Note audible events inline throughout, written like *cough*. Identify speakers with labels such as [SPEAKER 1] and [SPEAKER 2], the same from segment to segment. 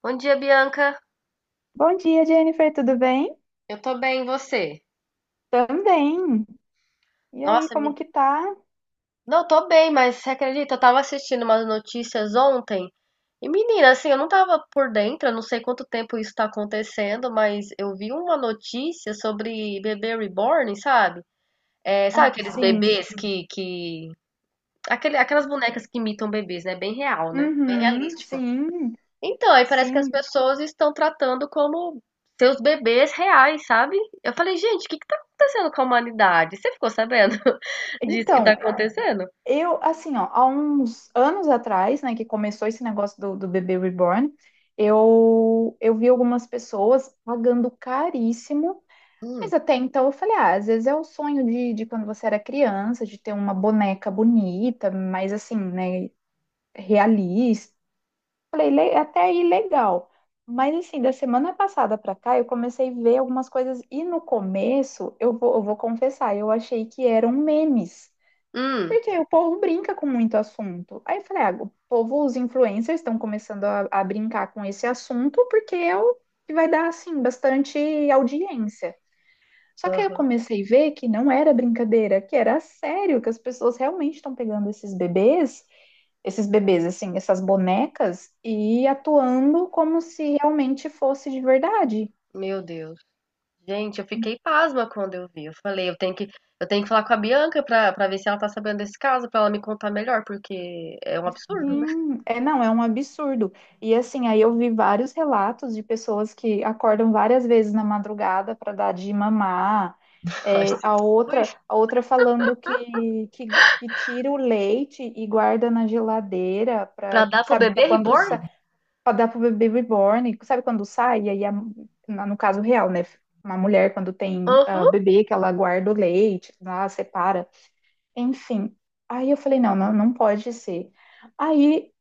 [SPEAKER 1] Bom dia, Bianca.
[SPEAKER 2] Bom dia, Jennifer, tudo bem?
[SPEAKER 1] Eu tô bem, e você?
[SPEAKER 2] Também. E aí,
[SPEAKER 1] Nossa, me...
[SPEAKER 2] como que tá?
[SPEAKER 1] não tô bem, mas você acredita? Eu tava assistindo umas notícias ontem. E menina, assim, eu não tava por dentro, eu não sei quanto tempo isso tá acontecendo, mas eu vi uma notícia sobre bebê reborn, sabe? É, sabe
[SPEAKER 2] Ah,
[SPEAKER 1] aqueles
[SPEAKER 2] sim.
[SPEAKER 1] bebês que... Aquele, aquelas bonecas que imitam bebês, né? Bem real, né? Bem
[SPEAKER 2] Uhum,
[SPEAKER 1] realista.
[SPEAKER 2] sim,
[SPEAKER 1] Então, aí parece que as
[SPEAKER 2] sim.
[SPEAKER 1] pessoas estão tratando como seus bebês reais, sabe? Eu falei, gente, o que que tá acontecendo com a humanidade? Você ficou sabendo *laughs* disso que tá
[SPEAKER 2] Então,
[SPEAKER 1] acontecendo?
[SPEAKER 2] eu, assim, ó, há uns anos atrás, né, que começou esse negócio do bebê reborn, eu vi algumas pessoas pagando caríssimo,
[SPEAKER 1] Hum,
[SPEAKER 2] mas até então eu falei, ah, às vezes é o sonho de quando você era criança, de ter uma boneca bonita, mas assim, né, realista. Falei, até aí legal." Mas assim, da semana passada pra cá, eu comecei a ver algumas coisas e no começo, eu vou confessar, eu achei que eram memes.
[SPEAKER 1] hum,
[SPEAKER 2] Porque o povo brinca com muito assunto. Aí eu falei, ah, o povo, os influencers estão começando a brincar com esse assunto porque é o que vai dar, assim, bastante audiência. Só que aí eu comecei a ver que não era brincadeira, que era sério, que as pessoas realmente estão pegando esses bebês, assim, essas bonecas, e atuando como se realmente fosse de verdade.
[SPEAKER 1] meu Deus. Gente, eu fiquei pasma quando eu vi. Eu falei, eu tenho que falar com a Bianca pra ver se ela tá sabendo desse caso, pra ela me contar melhor, porque é um absurdo, né?
[SPEAKER 2] Sim, é, não, é um absurdo. E assim, aí eu vi vários relatos de pessoas que acordam várias vezes na madrugada para dar de mamar,
[SPEAKER 1] *laughs* Ai,
[SPEAKER 2] é,
[SPEAKER 1] Jesus.
[SPEAKER 2] a outra falando que tira o leite e guarda na geladeira
[SPEAKER 1] Pra
[SPEAKER 2] para,
[SPEAKER 1] dar pro
[SPEAKER 2] sabe, para
[SPEAKER 1] bebê
[SPEAKER 2] quando
[SPEAKER 1] reborn?
[SPEAKER 2] pode dar pro bebê reborn, sabe, quando sai, e no caso real, né? Uma mulher, quando tem ah,
[SPEAKER 1] Aham.
[SPEAKER 2] bebê, que ela guarda o leite, lá, separa, enfim. Aí eu falei, não pode ser. Aí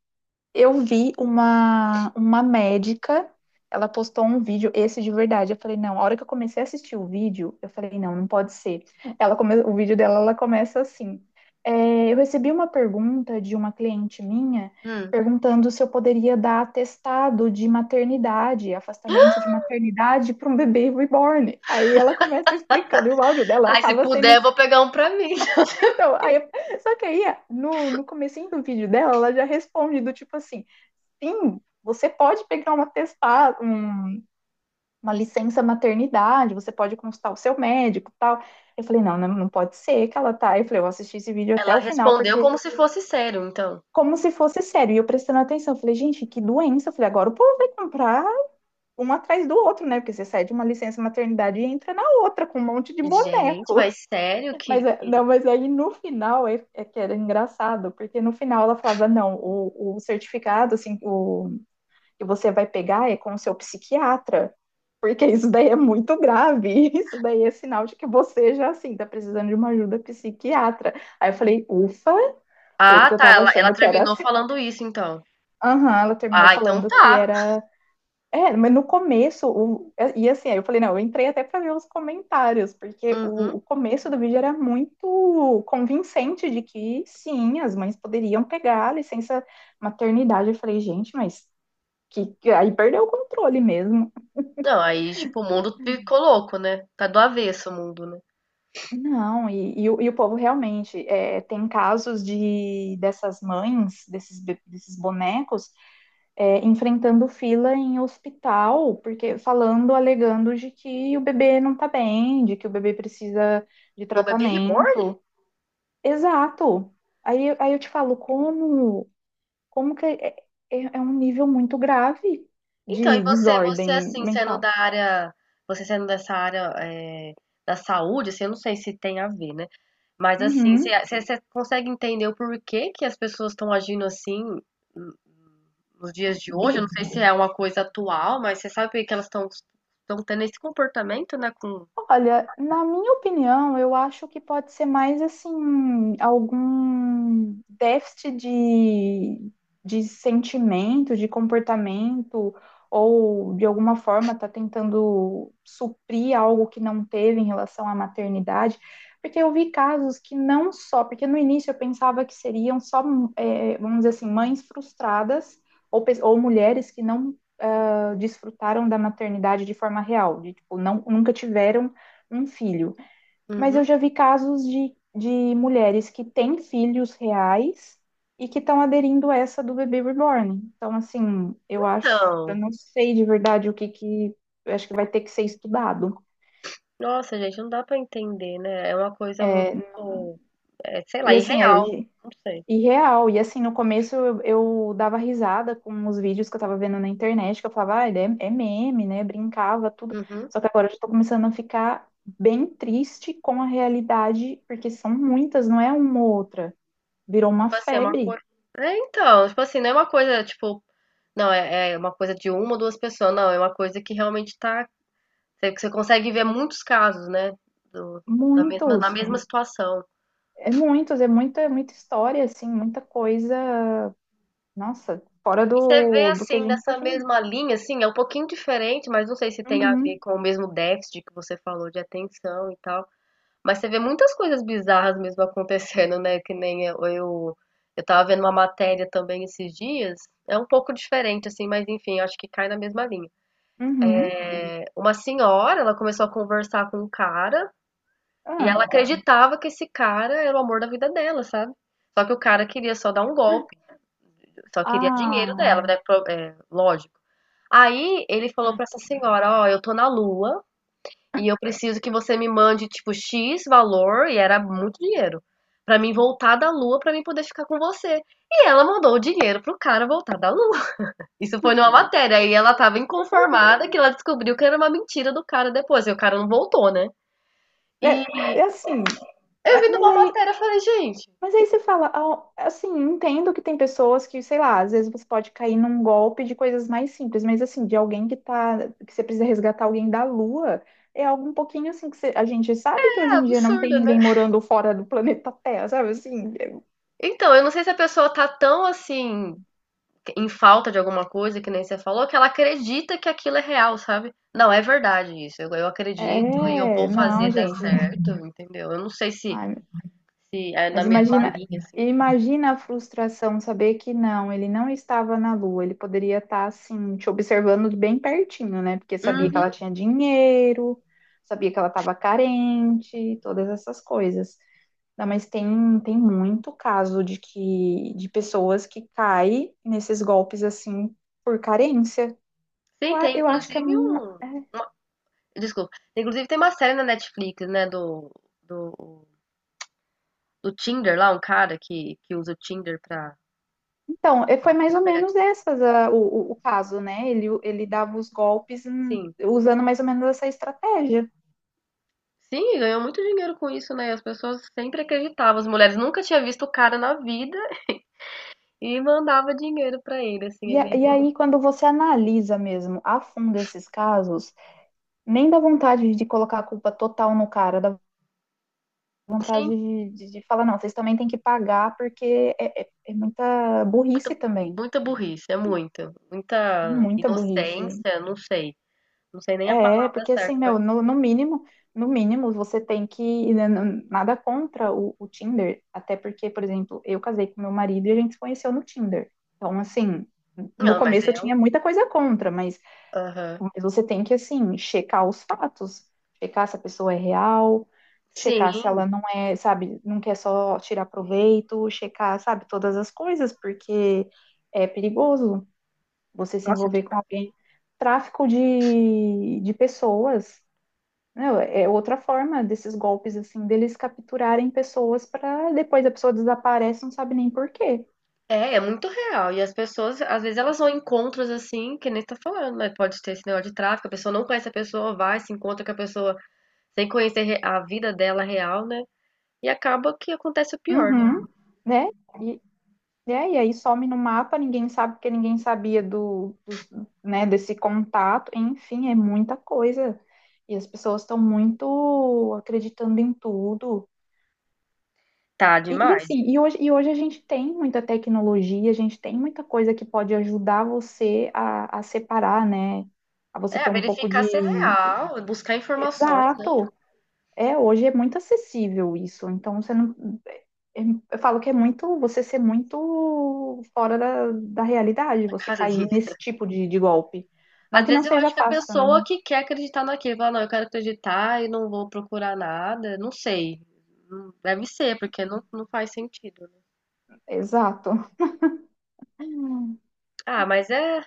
[SPEAKER 2] eu vi uma médica, ela postou um vídeo, esse de verdade. Eu falei, não, a hora que eu comecei a assistir o vídeo, eu falei, não pode ser. Ela come, o vídeo dela, ela começa assim: é, eu recebi uma pergunta de uma cliente minha
[SPEAKER 1] Hum.
[SPEAKER 2] perguntando se eu poderia dar atestado de maternidade, afastamento de maternidade para um bebê reborn. Aí ela começa explicando, e o áudio dela
[SPEAKER 1] Ai, se
[SPEAKER 2] acaba sendo
[SPEAKER 1] puder, eu
[SPEAKER 2] assim.
[SPEAKER 1] vou pegar um pra mim. *laughs*
[SPEAKER 2] Então, aí, só que aí, no comecinho do vídeo dela, ela já responde do tipo assim, fim, você pode pegar um atestado, um, uma licença maternidade, você pode consultar o seu médico e tal. Eu falei, não pode ser que ela tá. Eu falei, eu assisti esse vídeo até
[SPEAKER 1] Ela
[SPEAKER 2] o final,
[SPEAKER 1] respondeu
[SPEAKER 2] porque
[SPEAKER 1] como se fosse sério, então.
[SPEAKER 2] como se fosse sério. E eu prestando atenção, eu falei, gente, que doença. Eu falei, agora o povo vai comprar um atrás do outro, né? Porque você sai de uma licença maternidade e entra na outra com um monte de
[SPEAKER 1] Gente,
[SPEAKER 2] boneco.
[SPEAKER 1] mas sério
[SPEAKER 2] *laughs*
[SPEAKER 1] que,
[SPEAKER 2] Mas, é,
[SPEAKER 1] que...
[SPEAKER 2] não, mas aí no final é que era engraçado, porque no final ela falava, não, o certificado, assim, o que você vai pegar é com o seu psiquiatra, porque isso daí é muito grave, *laughs* isso daí é sinal de que você já, assim, tá precisando de uma ajuda psiquiatra. Aí eu falei, ufa, falei,
[SPEAKER 1] Ah,
[SPEAKER 2] porque eu
[SPEAKER 1] tá,
[SPEAKER 2] tava
[SPEAKER 1] ela
[SPEAKER 2] achando que era
[SPEAKER 1] terminou
[SPEAKER 2] assim.
[SPEAKER 1] falando isso, então.
[SPEAKER 2] Aham, ela terminou
[SPEAKER 1] Ah, então
[SPEAKER 2] falando que
[SPEAKER 1] tá.
[SPEAKER 2] era. É, mas no começo, o... e assim, aí eu falei, não, eu entrei até pra ver os comentários, porque
[SPEAKER 1] Uhum.
[SPEAKER 2] o começo do vídeo era muito convincente de que sim, as mães poderiam pegar a licença maternidade. Eu falei, gente, mas aí perdeu o controle mesmo.
[SPEAKER 1] Não, aí, tipo, o mundo ficou louco, né? Tá do avesso o mundo, né?
[SPEAKER 2] Não, e o povo realmente é, tem casos de dessas mães, desses bonecos, é, enfrentando fila em hospital, porque falando, alegando de que o bebê não tá bem, de que o bebê precisa de
[SPEAKER 1] O bebê reborn?
[SPEAKER 2] tratamento. Exato. Aí eu te falo, como, como que é, é um nível muito grave
[SPEAKER 1] Então, e
[SPEAKER 2] de
[SPEAKER 1] você
[SPEAKER 2] desordem
[SPEAKER 1] assim, sendo da
[SPEAKER 2] mental.
[SPEAKER 1] área, você sendo dessa área, é, da saúde, assim, eu não sei se tem a ver, né? Mas assim,
[SPEAKER 2] Uhum.
[SPEAKER 1] você consegue entender o porquê que as pessoas estão agindo assim nos dias de hoje, eu não
[SPEAKER 2] E,
[SPEAKER 1] sei se é uma coisa atual, mas você sabe por que que elas estão tendo esse comportamento, né, com
[SPEAKER 2] olha, na minha opinião, eu acho que pode ser mais assim, algum déficit de sentimento, de comportamento, ou de alguma forma tá tentando suprir algo que não teve em relação à maternidade. Porque eu vi casos que não só, porque no início eu pensava que seriam só, vamos dizer assim, mães frustradas ou, ou mulheres que não ah, desfrutaram da maternidade de forma real, de tipo, não, nunca tiveram um filho. Mas eu
[SPEAKER 1] Uhum.
[SPEAKER 2] já vi casos de mulheres que têm filhos reais e que estão aderindo a essa do bebê reborn. Então, assim, eu acho, eu
[SPEAKER 1] Então,
[SPEAKER 2] não sei de verdade o que que, eu acho que vai ter que ser estudado.
[SPEAKER 1] nossa, gente, não dá pra entender, né? É uma coisa
[SPEAKER 2] É,
[SPEAKER 1] muito, é, sei lá,
[SPEAKER 2] e assim,
[SPEAKER 1] irreal, não sei.
[SPEAKER 2] e real, e assim, no começo eu dava risada com os vídeos que eu tava vendo na internet, que eu falava, ah, é, é meme, né? Brincava, tudo.
[SPEAKER 1] Uhum.
[SPEAKER 2] Só que agora eu já tô começando a ficar bem triste com a realidade, porque são muitas, não é uma ou outra. Virou uma
[SPEAKER 1] Tipo assim, é uma
[SPEAKER 2] febre.
[SPEAKER 1] coisa. É, então, tipo assim, não é uma coisa, tipo, não, é, é uma coisa de uma ou duas pessoas, não, é uma coisa que realmente tá. Você consegue ver muitos casos, né? do- da mesma, na
[SPEAKER 2] Muitos,
[SPEAKER 1] mesma situação.
[SPEAKER 2] é muita história, assim, muita coisa, nossa, fora
[SPEAKER 1] E você vê
[SPEAKER 2] do que a
[SPEAKER 1] assim,
[SPEAKER 2] gente
[SPEAKER 1] dessa
[SPEAKER 2] pode.
[SPEAKER 1] mesma linha, assim, é um pouquinho diferente, mas não sei se tem a
[SPEAKER 2] Uhum,
[SPEAKER 1] ver com o mesmo déficit que você falou de atenção e tal. Mas você vê muitas coisas bizarras mesmo *laughs* acontecendo, né? Que nem eu tava vendo uma matéria também esses dias. É um pouco diferente, assim, mas enfim, acho que cai na mesma linha.
[SPEAKER 2] uhum.
[SPEAKER 1] Uma senhora, ela começou a conversar com um cara e ela
[SPEAKER 2] Ah,
[SPEAKER 1] acreditava que esse cara era o amor da vida dela, sabe? Só que o cara queria só dar um golpe, só queria dinheiro dela,
[SPEAKER 2] ah,
[SPEAKER 1] né? Pro- é, lógico. Aí ele falou
[SPEAKER 2] ai,
[SPEAKER 1] pra essa
[SPEAKER 2] que tá.
[SPEAKER 1] senhora: Ó, eu tô na lua e eu preciso que você me mande, tipo, X valor, e era muito dinheiro, pra mim voltar da lua pra mim poder ficar com você. E ela mandou o dinheiro pro cara voltar da lua. *laughs* Isso foi numa matéria. Aí ela tava inconformada que ela descobriu que era uma mentira do cara depois. E o cara não voltou, né? E
[SPEAKER 2] É, é assim,
[SPEAKER 1] eu vi
[SPEAKER 2] é,
[SPEAKER 1] numa matéria e falei, gente,
[SPEAKER 2] mas aí você fala, ah, assim, entendo que tem pessoas que, sei lá, às vezes você pode cair num golpe de coisas mais simples, mas assim, de alguém que tá, que você precisa resgatar alguém da Lua, é algo um pouquinho assim que a gente sabe que
[SPEAKER 1] é
[SPEAKER 2] hoje em dia não tem
[SPEAKER 1] absurdo, né?
[SPEAKER 2] ninguém morando fora do planeta Terra, sabe? Assim,
[SPEAKER 1] Então, eu não sei se a pessoa tá tão assim em falta de alguma coisa, que nem você falou, que ela acredita que aquilo é real, sabe? Não, é verdade isso. Eu acredito e eu
[SPEAKER 2] é, é,
[SPEAKER 1] vou
[SPEAKER 2] não,
[SPEAKER 1] fazer dar
[SPEAKER 2] gente. *laughs*
[SPEAKER 1] certo, entendeu? Eu não sei se,
[SPEAKER 2] Ai,
[SPEAKER 1] se é na
[SPEAKER 2] mas
[SPEAKER 1] mesma
[SPEAKER 2] imagina,
[SPEAKER 1] linha, assim.
[SPEAKER 2] imagina a frustração saber que não, ele não estava na Lua, ele poderia estar assim, te observando de bem pertinho, né? Porque sabia que
[SPEAKER 1] Uhum.
[SPEAKER 2] ela tinha dinheiro, sabia que ela estava carente, todas essas coisas. Não, mas tem, tem muito caso de que de pessoas que caem nesses golpes assim por carência.
[SPEAKER 1] Sim, tem
[SPEAKER 2] Eu acho que é,
[SPEAKER 1] inclusive um. Uma- desculpa. Inclusive tem uma série na Netflix, né? Do, do Tinder lá, um cara que usa o Tinder pra,
[SPEAKER 2] então, foi mais
[SPEAKER 1] pra
[SPEAKER 2] ou
[SPEAKER 1] pegar.
[SPEAKER 2] menos o caso, né? Ele dava os golpes
[SPEAKER 1] Sim.
[SPEAKER 2] usando mais ou menos essa estratégia.
[SPEAKER 1] Sim, e ganhou muito dinheiro com isso, né? As pessoas sempre acreditavam. As mulheres nunca tinham visto o cara na vida. E mandava dinheiro pra ele, assim, é
[SPEAKER 2] E,
[SPEAKER 1] meio
[SPEAKER 2] e aí, quando você analisa mesmo a fundo esses casos, nem dá vontade de colocar a culpa total no cara, dá vontade
[SPEAKER 1] sim,
[SPEAKER 2] de falar, não, vocês também têm que pagar, porque é muita
[SPEAKER 1] muita
[SPEAKER 2] burrice também.
[SPEAKER 1] muita burrice, é muita,
[SPEAKER 2] É
[SPEAKER 1] muita
[SPEAKER 2] muita burrice.
[SPEAKER 1] inocência, não sei, não sei nem a
[SPEAKER 2] É,
[SPEAKER 1] palavra
[SPEAKER 2] porque assim,
[SPEAKER 1] certa pra
[SPEAKER 2] meu,
[SPEAKER 1] dizer.
[SPEAKER 2] no mínimo, no mínimo você tem que, né, nada contra o Tinder, até porque, por exemplo, eu casei com meu marido e a gente se conheceu no Tinder. Então, assim, no
[SPEAKER 1] Não, mas
[SPEAKER 2] começo
[SPEAKER 1] é
[SPEAKER 2] eu
[SPEAKER 1] um
[SPEAKER 2] tinha muita coisa contra,
[SPEAKER 1] aham.
[SPEAKER 2] mas você tem que, assim, checar os fatos, checar se a pessoa é real, checar se ela
[SPEAKER 1] Sim.
[SPEAKER 2] não é, sabe, não quer só tirar proveito, checar, sabe, todas as coisas, porque é perigoso. Você se
[SPEAKER 1] Nossa,
[SPEAKER 2] envolver
[SPEAKER 1] tipo
[SPEAKER 2] com alguém. Tráfico de pessoas, né? É outra forma desses golpes, assim, deles capturarem pessoas para depois a pessoa desaparece, não sabe nem por quê.
[SPEAKER 1] é, é muito real. E as pessoas, às vezes, elas vão em encontros assim, que nem você tá falando, mas pode ter esse negócio de tráfico, a pessoa não conhece a pessoa, vai, se encontra com a pessoa sem conhecer re- a vida dela real, né? E acaba que acontece o pior, né?
[SPEAKER 2] Uhum, né? E, é, e aí some no mapa, ninguém sabe porque ninguém sabia né, desse contato. Enfim, é muita coisa. E as pessoas estão muito acreditando em tudo.
[SPEAKER 1] Tá
[SPEAKER 2] E
[SPEAKER 1] demais.
[SPEAKER 2] assim, e hoje a gente tem muita tecnologia, a gente tem muita coisa que pode ajudar você a separar, né? A você
[SPEAKER 1] É,
[SPEAKER 2] ter um pouco
[SPEAKER 1] verificar se é
[SPEAKER 2] de.
[SPEAKER 1] real, buscar informações, né?
[SPEAKER 2] Exato! É, hoje é muito acessível isso. Então, você não. Eu falo que é muito. Você ser muito fora da realidade,
[SPEAKER 1] A
[SPEAKER 2] você
[SPEAKER 1] casinha.
[SPEAKER 2] cair nesse tipo de golpe. Não
[SPEAKER 1] Às
[SPEAKER 2] que não
[SPEAKER 1] vezes eu
[SPEAKER 2] seja
[SPEAKER 1] acho que a
[SPEAKER 2] fácil, né?
[SPEAKER 1] pessoa que quer acreditar naquilo, fala, não, eu quero acreditar e não vou procurar nada, não sei. Deve ser, porque não, não faz sentido. Né?
[SPEAKER 2] Exato.
[SPEAKER 1] Ah, mas é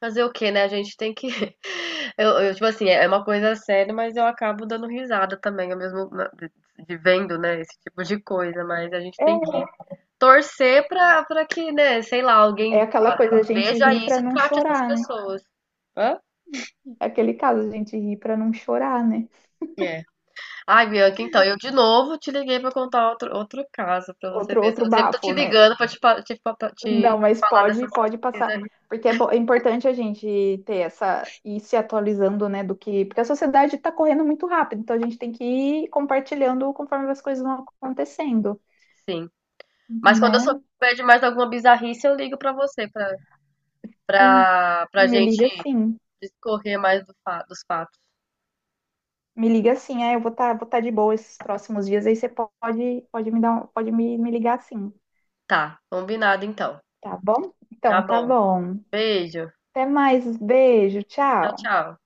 [SPEAKER 1] fazer o quê, né? A gente tem que. *laughs* Tipo assim, é uma coisa séria, mas eu acabo dando risada também, ao mesmo na- de vendo, né, esse tipo de coisa, mas a gente
[SPEAKER 2] É,
[SPEAKER 1] tem que torcer pra, pra que, né, sei lá,
[SPEAKER 2] é
[SPEAKER 1] alguém
[SPEAKER 2] aquela coisa, a gente
[SPEAKER 1] veja
[SPEAKER 2] ri pra
[SPEAKER 1] isso e
[SPEAKER 2] não
[SPEAKER 1] trate essas
[SPEAKER 2] chorar, né?
[SPEAKER 1] pessoas. Hã?
[SPEAKER 2] É aquele caso, a gente ri pra não chorar, né?
[SPEAKER 1] É. Ai, Bianca, então, eu de novo te liguei pra contar outro, outro caso pra você
[SPEAKER 2] Outro,
[SPEAKER 1] ver.
[SPEAKER 2] outro
[SPEAKER 1] Eu sempre tô
[SPEAKER 2] bafo,
[SPEAKER 1] te
[SPEAKER 2] né?
[SPEAKER 1] ligando pra te, pa- te, pa-
[SPEAKER 2] Não,
[SPEAKER 1] te
[SPEAKER 2] mas
[SPEAKER 1] falar
[SPEAKER 2] pode,
[SPEAKER 1] dessas
[SPEAKER 2] pode passar.
[SPEAKER 1] bizarrices.
[SPEAKER 2] Porque é, é importante a gente ter essa, ir se atualizando, né, do que, porque a sociedade está correndo muito rápido, então a gente tem que ir compartilhando conforme as coisas vão acontecendo,
[SPEAKER 1] Sim. Mas quando eu
[SPEAKER 2] né?
[SPEAKER 1] souber de mais alguma bizarrice, eu ligo pra você, pra,
[SPEAKER 2] Sim,
[SPEAKER 1] pra, pra
[SPEAKER 2] me
[SPEAKER 1] gente
[SPEAKER 2] liga sim.
[SPEAKER 1] discorrer mais do fa- dos fatos.
[SPEAKER 2] Me liga sim, é, eu vou estar vou tá de boa esses próximos dias, aí você pode, pode me dar, pode me ligar sim,
[SPEAKER 1] Tá, combinado então.
[SPEAKER 2] tá bom?
[SPEAKER 1] Tá
[SPEAKER 2] Então, tá
[SPEAKER 1] bom.
[SPEAKER 2] bom.
[SPEAKER 1] Beijo.
[SPEAKER 2] Até mais, beijo,
[SPEAKER 1] Tchau,
[SPEAKER 2] tchau.
[SPEAKER 1] tchau.